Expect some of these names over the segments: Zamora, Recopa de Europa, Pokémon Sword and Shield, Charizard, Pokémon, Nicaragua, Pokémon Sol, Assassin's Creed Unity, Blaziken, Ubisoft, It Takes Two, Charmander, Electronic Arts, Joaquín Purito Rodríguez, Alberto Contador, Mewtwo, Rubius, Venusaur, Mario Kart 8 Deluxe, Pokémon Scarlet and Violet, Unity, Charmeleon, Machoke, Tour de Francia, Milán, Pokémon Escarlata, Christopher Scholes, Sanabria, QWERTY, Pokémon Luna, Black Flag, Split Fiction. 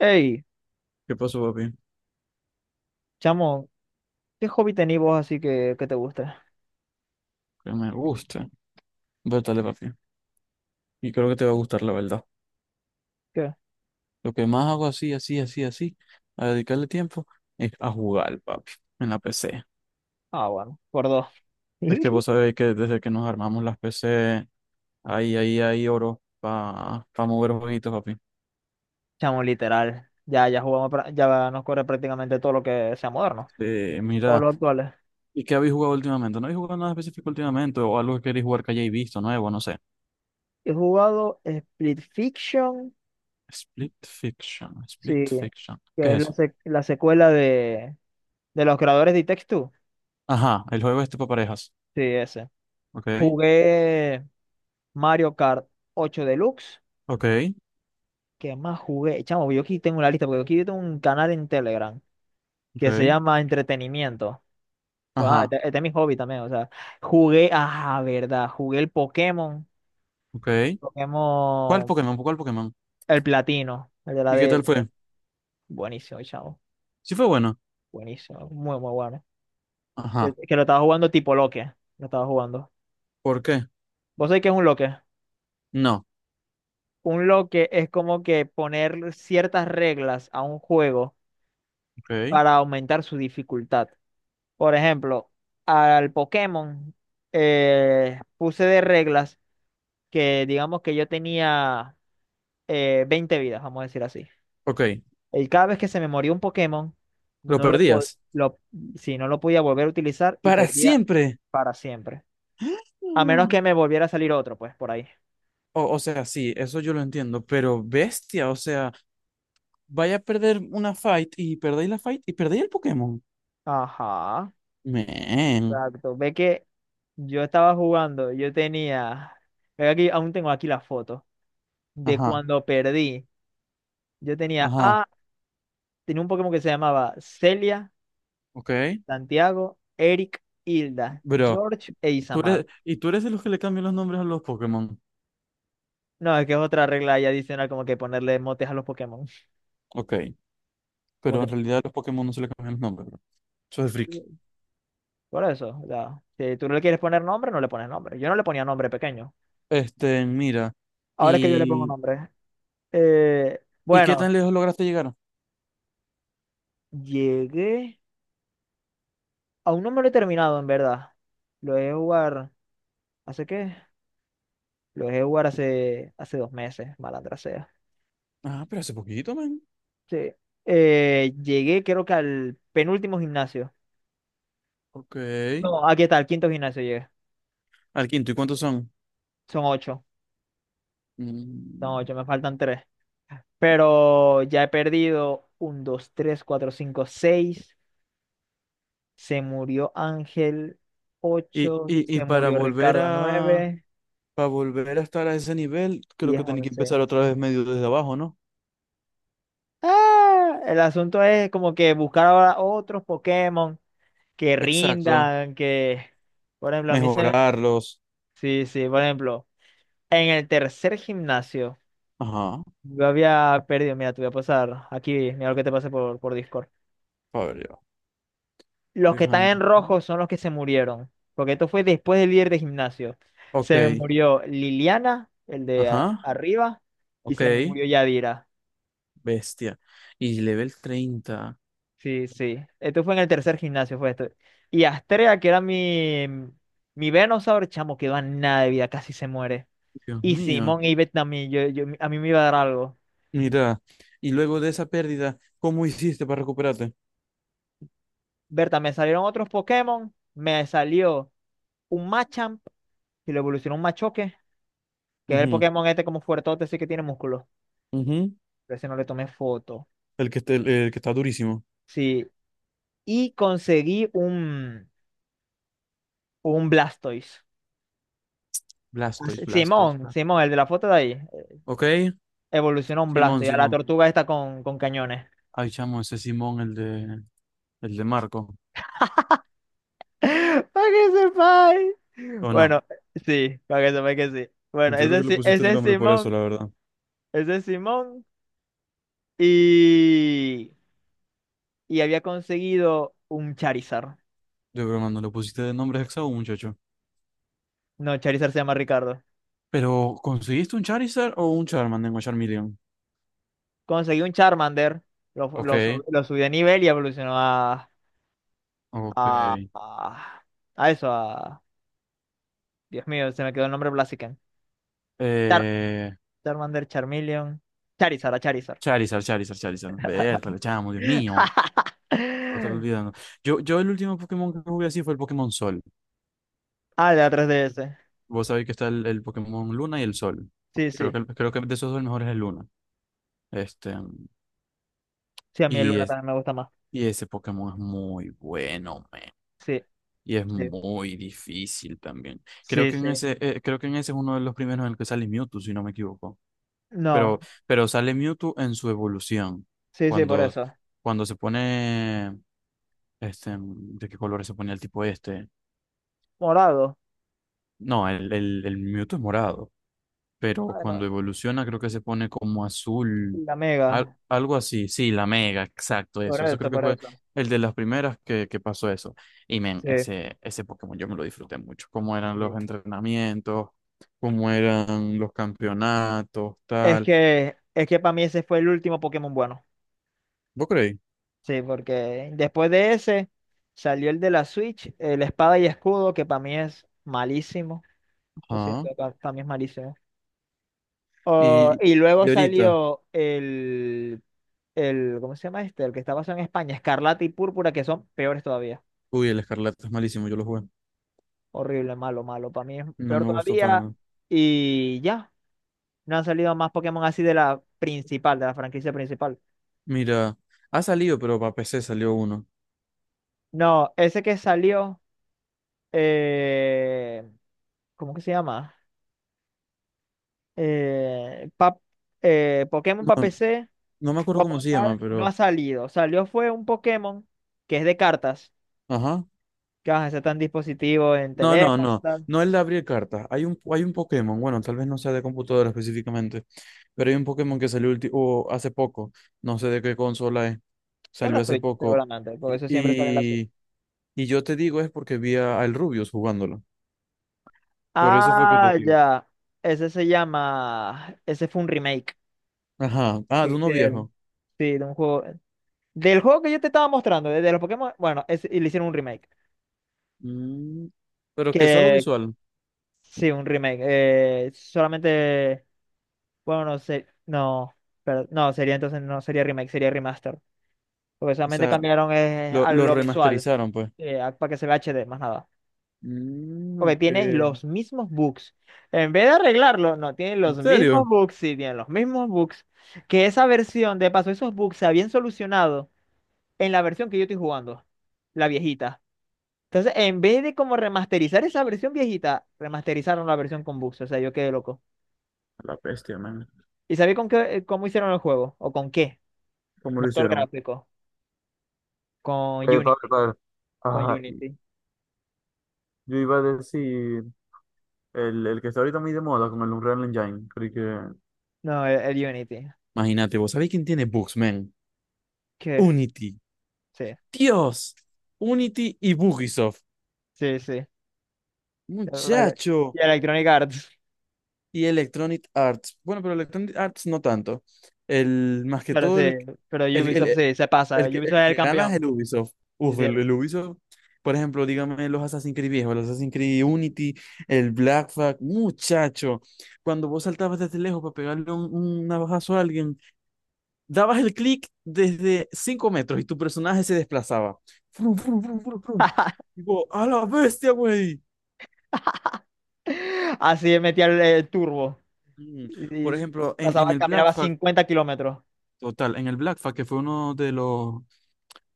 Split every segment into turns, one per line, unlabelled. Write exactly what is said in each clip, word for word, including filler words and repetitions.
Ey,
¿Qué pasó, papi?
chamo, ¿qué hobby tenés vos así que, que te gusta?
Que me gusta. Vétale, papi. Y creo que te va a gustar, la verdad.
¿Qué?
Lo que más hago así, así, así, así, a dedicarle tiempo, es a jugar, papi, en la P C.
Ah, bueno, por dos.
Es que vos sabéis que desde que nos armamos las P C, ahí, ahí, ahí, oro, para mover jueguitos, papi.
Chamo, literal. Ya, ya jugamos, pra- ya nos corre prácticamente todo lo que sea moderno.
Eh,
Todos
mira,
los actuales.
¿y qué habéis jugado últimamente? ¿No habéis jugado nada específico últimamente? ¿O algo que queréis jugar que hayáis visto nuevo? No sé.
He jugado Split Fiction,
Split Fiction,
sí,
Split Fiction. ¿Qué
que
es
es la,
eso?
sec- la secuela de, de los creadores de It Takes Two.
Ajá, el juego este para parejas.
Sí, ese.
Ok,
Jugué Mario Kart ocho Deluxe.
ok,
¿Qué más jugué? Chamo, yo aquí tengo una lista, porque aquí tengo un canal en Telegram que se
ok.
llama Entretenimiento. Pues, ah, este,
Ajá.
este es mi hobby también, o sea, jugué, ah, verdad, jugué el Pokémon, el
Ok. ¿Cuál
Pokémon,
Pokémon? ¿Cuál Pokémon?
el platino, el de la
¿Y qué
de,
tal fue?
buenísimo, chavo,
Sí fue bueno.
buenísimo, muy, muy bueno. Que,
Ajá.
que lo estaba jugando tipo loque, lo estaba jugando.
¿Por qué?
¿Vos sabés qué es un loque?
No.
Un loque es como que poner ciertas reglas a un juego
Ok.
para aumentar su dificultad. Por ejemplo, al Pokémon eh, puse de reglas que digamos que yo tenía eh, veinte vidas, vamos a decir así.
Ok.
Y cada vez que se me moría un Pokémon,
Lo
no lo, po-
perdías.
lo, sí, no lo podía volver a utilizar y
Para
perdía
siempre.
para siempre. A menos
Mm.
que me volviera a salir otro, pues, por ahí.
O, o sea, sí, eso yo lo entiendo, pero bestia, o sea, vaya a perder una fight y perdéis la fight y perdéis el Pokémon.
Ajá,
Men.
exacto. Ve que yo estaba jugando, yo tenía, ve aquí, aún tengo aquí la foto de
Ajá.
cuando perdí. Yo tenía
Ajá.
a, tenía un Pokémon que se llamaba Celia,
Ok.
Santiago, Eric, Hilda,
Bro,
George e
tú
Isamar.
eres, y tú eres de los que le cambian los nombres a los Pokémon.
No, es que es otra regla ahí adicional, como que ponerle motes a los Pokémon.
Ok.
Como
Pero en realidad a los Pokémon no se le cambian los nombres, bro. Eso es friki.
que Por eso, o sea, si tú no le quieres poner nombre, no le pones nombre. Yo no le ponía nombre pequeño.
Este, mira.
Ahora es que yo le pongo nombre. Eh,
¿Y qué
bueno,
tan lejos lograste llegar?
llegué. Aún no me lo he terminado, en verdad. Lo dejé jugar. ¿Hace qué? Lo dejé jugar hace, hace dos meses, malandra sea.
Ah, pero hace poquito, man.
Sí. Eh, llegué, creo que al penúltimo gimnasio.
Ok.
No, aquí está, al quinto gimnasio llegué.
Al quinto, ¿y cuántos son?
Son ocho. Son
Mm.
ocho, me faltan tres. Pero ya he perdido un, dos, tres, cuatro, cinco, seis. Se murió Ángel
Y,
ocho,
y, y
se
para
murió
volver
Ricardo
a
nueve,
para volver a estar a ese nivel, creo
diez,
que tenía que
once.
empezar otra vez medio desde abajo, ¿no?
Ah, el asunto es como que buscar ahora otros Pokémon que
Exacto.
rindan, que, por ejemplo, a mí se...
Mejorarlos.
Sí, sí, por ejemplo, en el tercer gimnasio
Ajá.
yo había perdido, mira, te voy a pasar aquí, mira lo que te pasé por, por Discord.
A ver yo.
Los que están
Dirham.
en rojo son los que se murieron, porque esto fue después del líder de gimnasio. Se me
Ok.
murió Liliana, el de a-
Ajá.
arriba, y
Ok.
se me murió Yadira.
Bestia. Y level treinta.
Sí, sí. Esto fue en el tercer gimnasio, fue esto. Y Astrea, que era mi, mi Venusaur, chamo, quedó a nada de vida, casi se muere.
Dios
Y
mío.
Simón y Bet también, yo, yo, a mí me iba a dar algo.
Mira. Y luego de esa pérdida, ¿cómo hiciste para recuperarte?
Berta, me salieron otros Pokémon, me salió un Machamp, y lo evolucionó un Machoke, que es el
Ujú,
Pokémon este como fuertote, sí que tiene músculo.
ujú.
Pero ese no le tomé foto.
El que, esté- el, el que está durísimo.
Sí, y conseguí un, un Blastoise. Ah, sí,
Blastoise, Blastoise,
Simón, Simón, el
Blastoise.
de la foto de ahí.
Ok,
Evolucionó un
Simón,
Blastoise, a la
Simón.
tortuga esta con, con cañones.
Ay, chamo, ese Simón, el de, el de Marco.
Para que sepáis.
¿O no?
Bueno, sí, para que sepáis que sí. Bueno,
Yo creo
ese,
que
es
le
Si-
pusiste el
ese es
nombre por eso,
Simón,
la verdad.
ese es Simón. Y, y había conseguido un Charizard.
De broma, no le pusiste de nombre hexago, muchacho.
No, Charizard se llama Ricardo.
Pero, ¿conseguiste un Charizard o un Charmander o Charmeleon?
Conseguí un Charmander, lo,
Ok,
lo, sub- lo subí de nivel y evolucionó a,
ok.
a, a eso, Dios mío, se me quedó el nombre Blaziken. Char
Eh,
Charmander, Charmeleon. Charizard, a Charizard.
Charizard, Charizard, Charizard. Vértale, chamo, Dios mío. Lo estaba olvidando. Yo, yo el último Pokémon que jugué así fue el Pokémon Sol.
Ah, de la tres D S.
Vos sabéis que está el, el Pokémon Luna y el Sol.
Sí,
Creo
sí.
que, el- creo que de esos dos el mejor es el Luna. Este,
Sí, a mí el
y,
Luna
es,
también me gusta más.
y ese Pokémon es muy bueno, man.
Sí,
Y es
sí.
muy difícil también. Creo
Sí,
que
sí.
en ese, eh, creo que en ese es uno de los primeros en el que sale Mewtwo, si no me equivoco.
No,
Pero, pero sale Mewtwo en su evolución.
sí, sí, por
Cuando,
eso.
cuando se pone, este, ¿de qué color se pone el tipo este?
Morado.
No, el, el, el Mewtwo es morado. Pero
Bueno,
cuando evoluciona creo que se pone como azul,
la
al-
Mega.
algo así, sí, la mega, exacto,
Por
eso, eso creo
eso,
que
por
fue
eso.
el de las primeras que, que pasó eso. Y men,
Sí,
ese, ese Pokémon yo me lo disfruté mucho, cómo eran los
sí.
entrenamientos, cómo eran los campeonatos,
Es
tal.
que, es que para mí ese fue el último Pokémon bueno.
¿Vos creéis?
Sí, porque después de ese salió el de la Switch, el Espada y Escudo, que para mí es malísimo. Lo siento,
Ajá.
para mí es malísimo. Oh,
Y,
y luego
y ahorita,
salió el, el, ¿cómo se llama este? El que está basado en España, Escarlata y Púrpura, que son peores todavía.
uy, el Escarlata es malísimo, yo lo jugué,
Horrible, malo, malo. Para mí es
no
peor
me gustó para
todavía.
nada.
Y ya, no han salido más Pokémon así de la principal, de la franquicia principal.
Mira, ha salido, pero para P C salió uno.
No, ese que salió, eh, ¿cómo que se llama? Eh, pa- eh, Pokémon para
No,
P C,
no me acuerdo
como
cómo se llama,
tal, no ha
pero...
salido. Salió fue un Pokémon que es de cartas
Ajá.
que vas a ser tan dispositivo en
No, no,
teléfono,
no.
tal.
No el de abrir cartas. Hay un, hay un Pokémon, bueno, tal vez no sea de computadora específicamente, pero hay un Pokémon que salió ulti- o hace poco. No sé de qué consola es.
De la
Salió hace
Switch,
poco.
seguramente, porque
Y,
eso siempre sale en la Switch.
y, y yo te digo es porque vi a- al Rubius jugándolo. Por eso fue que te
Ah,
digo.
ya. Ese se llama. Ese fue un remake
Ajá. Ah,
que
de uno viejo.
hicieron. Sí, de un juego. Del juego que yo te estaba mostrando, de, de los Pokémon. Bueno, ese- y le hicieron un remake.
Mm, pero que solo
Que.
visual.
Sí, un remake, eh, solamente. Bueno, no sé. No. Pero, no, sería entonces. No sería remake, sería remaster. Porque
O
solamente
sea,
cambiaron eh,
lo,
a
lo
lo visual,
remasterizaron, pues.
eh, a- para que se vea H D, más nada.
Mm,
Ok,
ok.
tienes
¿En
los mismos bugs. En vez de arreglarlo, no, tienen los mismos
serio?
bugs, sí, tienen los mismos bugs. Que esa versión, de paso, esos bugs se habían solucionado en la versión que yo estoy jugando, la viejita. Entonces, en vez de como remasterizar esa versión viejita, remasterizaron la versión con bugs. O sea, yo quedé loco.
La bestia, man.
¿Y sabéis con qué, eh, cómo hicieron el juego? ¿O con qué?
¿Cómo lo
Motor
hicieron?
gráfico. Con
Eh,
Unity.
padre, padre.
Con
Ajá,
Unity.
yo iba a decir el, el que está ahorita muy de moda con el Unreal Engine. Creo que.
No, el, el Unity.
Imagínate, ¿vos sabéis quién tiene bugs, man?
¿Qué?
Unity.
Sí,
Dios. Unity y Bugisoft.
sí, sí. Y
Muchacho.
Electronic Arts.
Y Electronic Arts. Bueno, pero Electronic Arts no tanto. El, más que
Pero sí,
todo, el,
pero
el,
Ubisoft
el,
sí, se pasa.
el que,
Ubisoft
el
era el
que gana es el
campeón.
Ubisoft.
Sí,
Uf,
sí,
el,
él-
el Ubisoft, por ejemplo, dígame los Assassin's Creed viejos, los Assassin's Creed Unity, el Black Flag, muchacho. Cuando vos saltabas desde lejos para pegarle un, un navajazo a alguien, dabas el clic desde cinco metros y tu personaje se desplazaba. Frum, frum, frum, frum, frum. Digo, a la bestia, güey.
Así metía el, el turbo.
Mm, Por
Y, y
ejemplo, en,
pasaba,
en el Black
caminaba
Flag.
cincuenta kilómetros.
Total, en el Black Flag, que fue uno de los,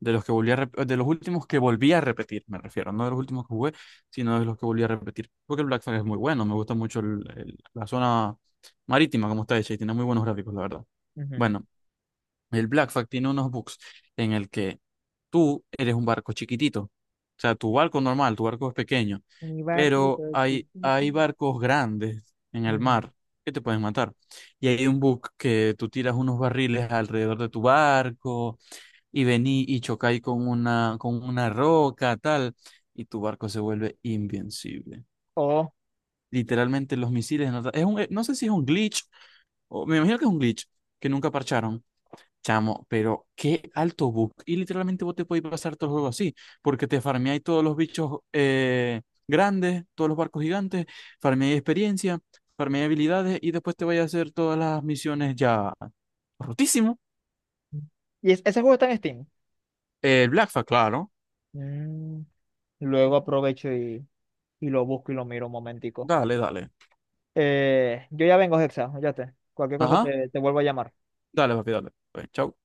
de los que volví a rep- de los últimos que volví a repetir, me refiero, no de los últimos que jugué, sino de los que volví a repetir. Porque el Black Flag es muy bueno, me gusta mucho el- el- la zona marítima como está hecha y tiene muy buenos gráficos, la verdad.
Ujú.
Bueno, el Blackfack tiene unos bugs en el que tú eres un barco chiquitito. O sea, tu barco normal, tu barco es pequeño,
Mi barquito
pero hay, hay
chiquitito.
barcos grandes en el
Ujú.
mar que te pueden matar. Y hay un bug que tú tiras unos barriles alrededor de tu barco y vení y chocáis con una, con una roca, tal, y tu barco se vuelve invencible.
Oh,
Literalmente los misiles... No, es un, eh, no sé si es un glitch, o, me imagino que es un glitch que nunca parcharon. Chamo, pero qué alto bug. Y literalmente vos te podés pasar todo el juego así, porque te farmeáis todos los bichos eh, grandes, todos los barcos gigantes, farmeáis experiencia, farmeáis habilidades y después te vais a hacer todas las misiones ya rotísimo.
y es- ese juego está en Steam.
El Blackfa, claro.
Mm, luego aprovecho y, y lo busco y lo miro un momentico.
Dale, dale.
Eh, yo ya vengo, Hexa, ya cualquier cosa
Ajá,
te, te vuelvo a llamar.
dale, papi, dale. Pues, chau.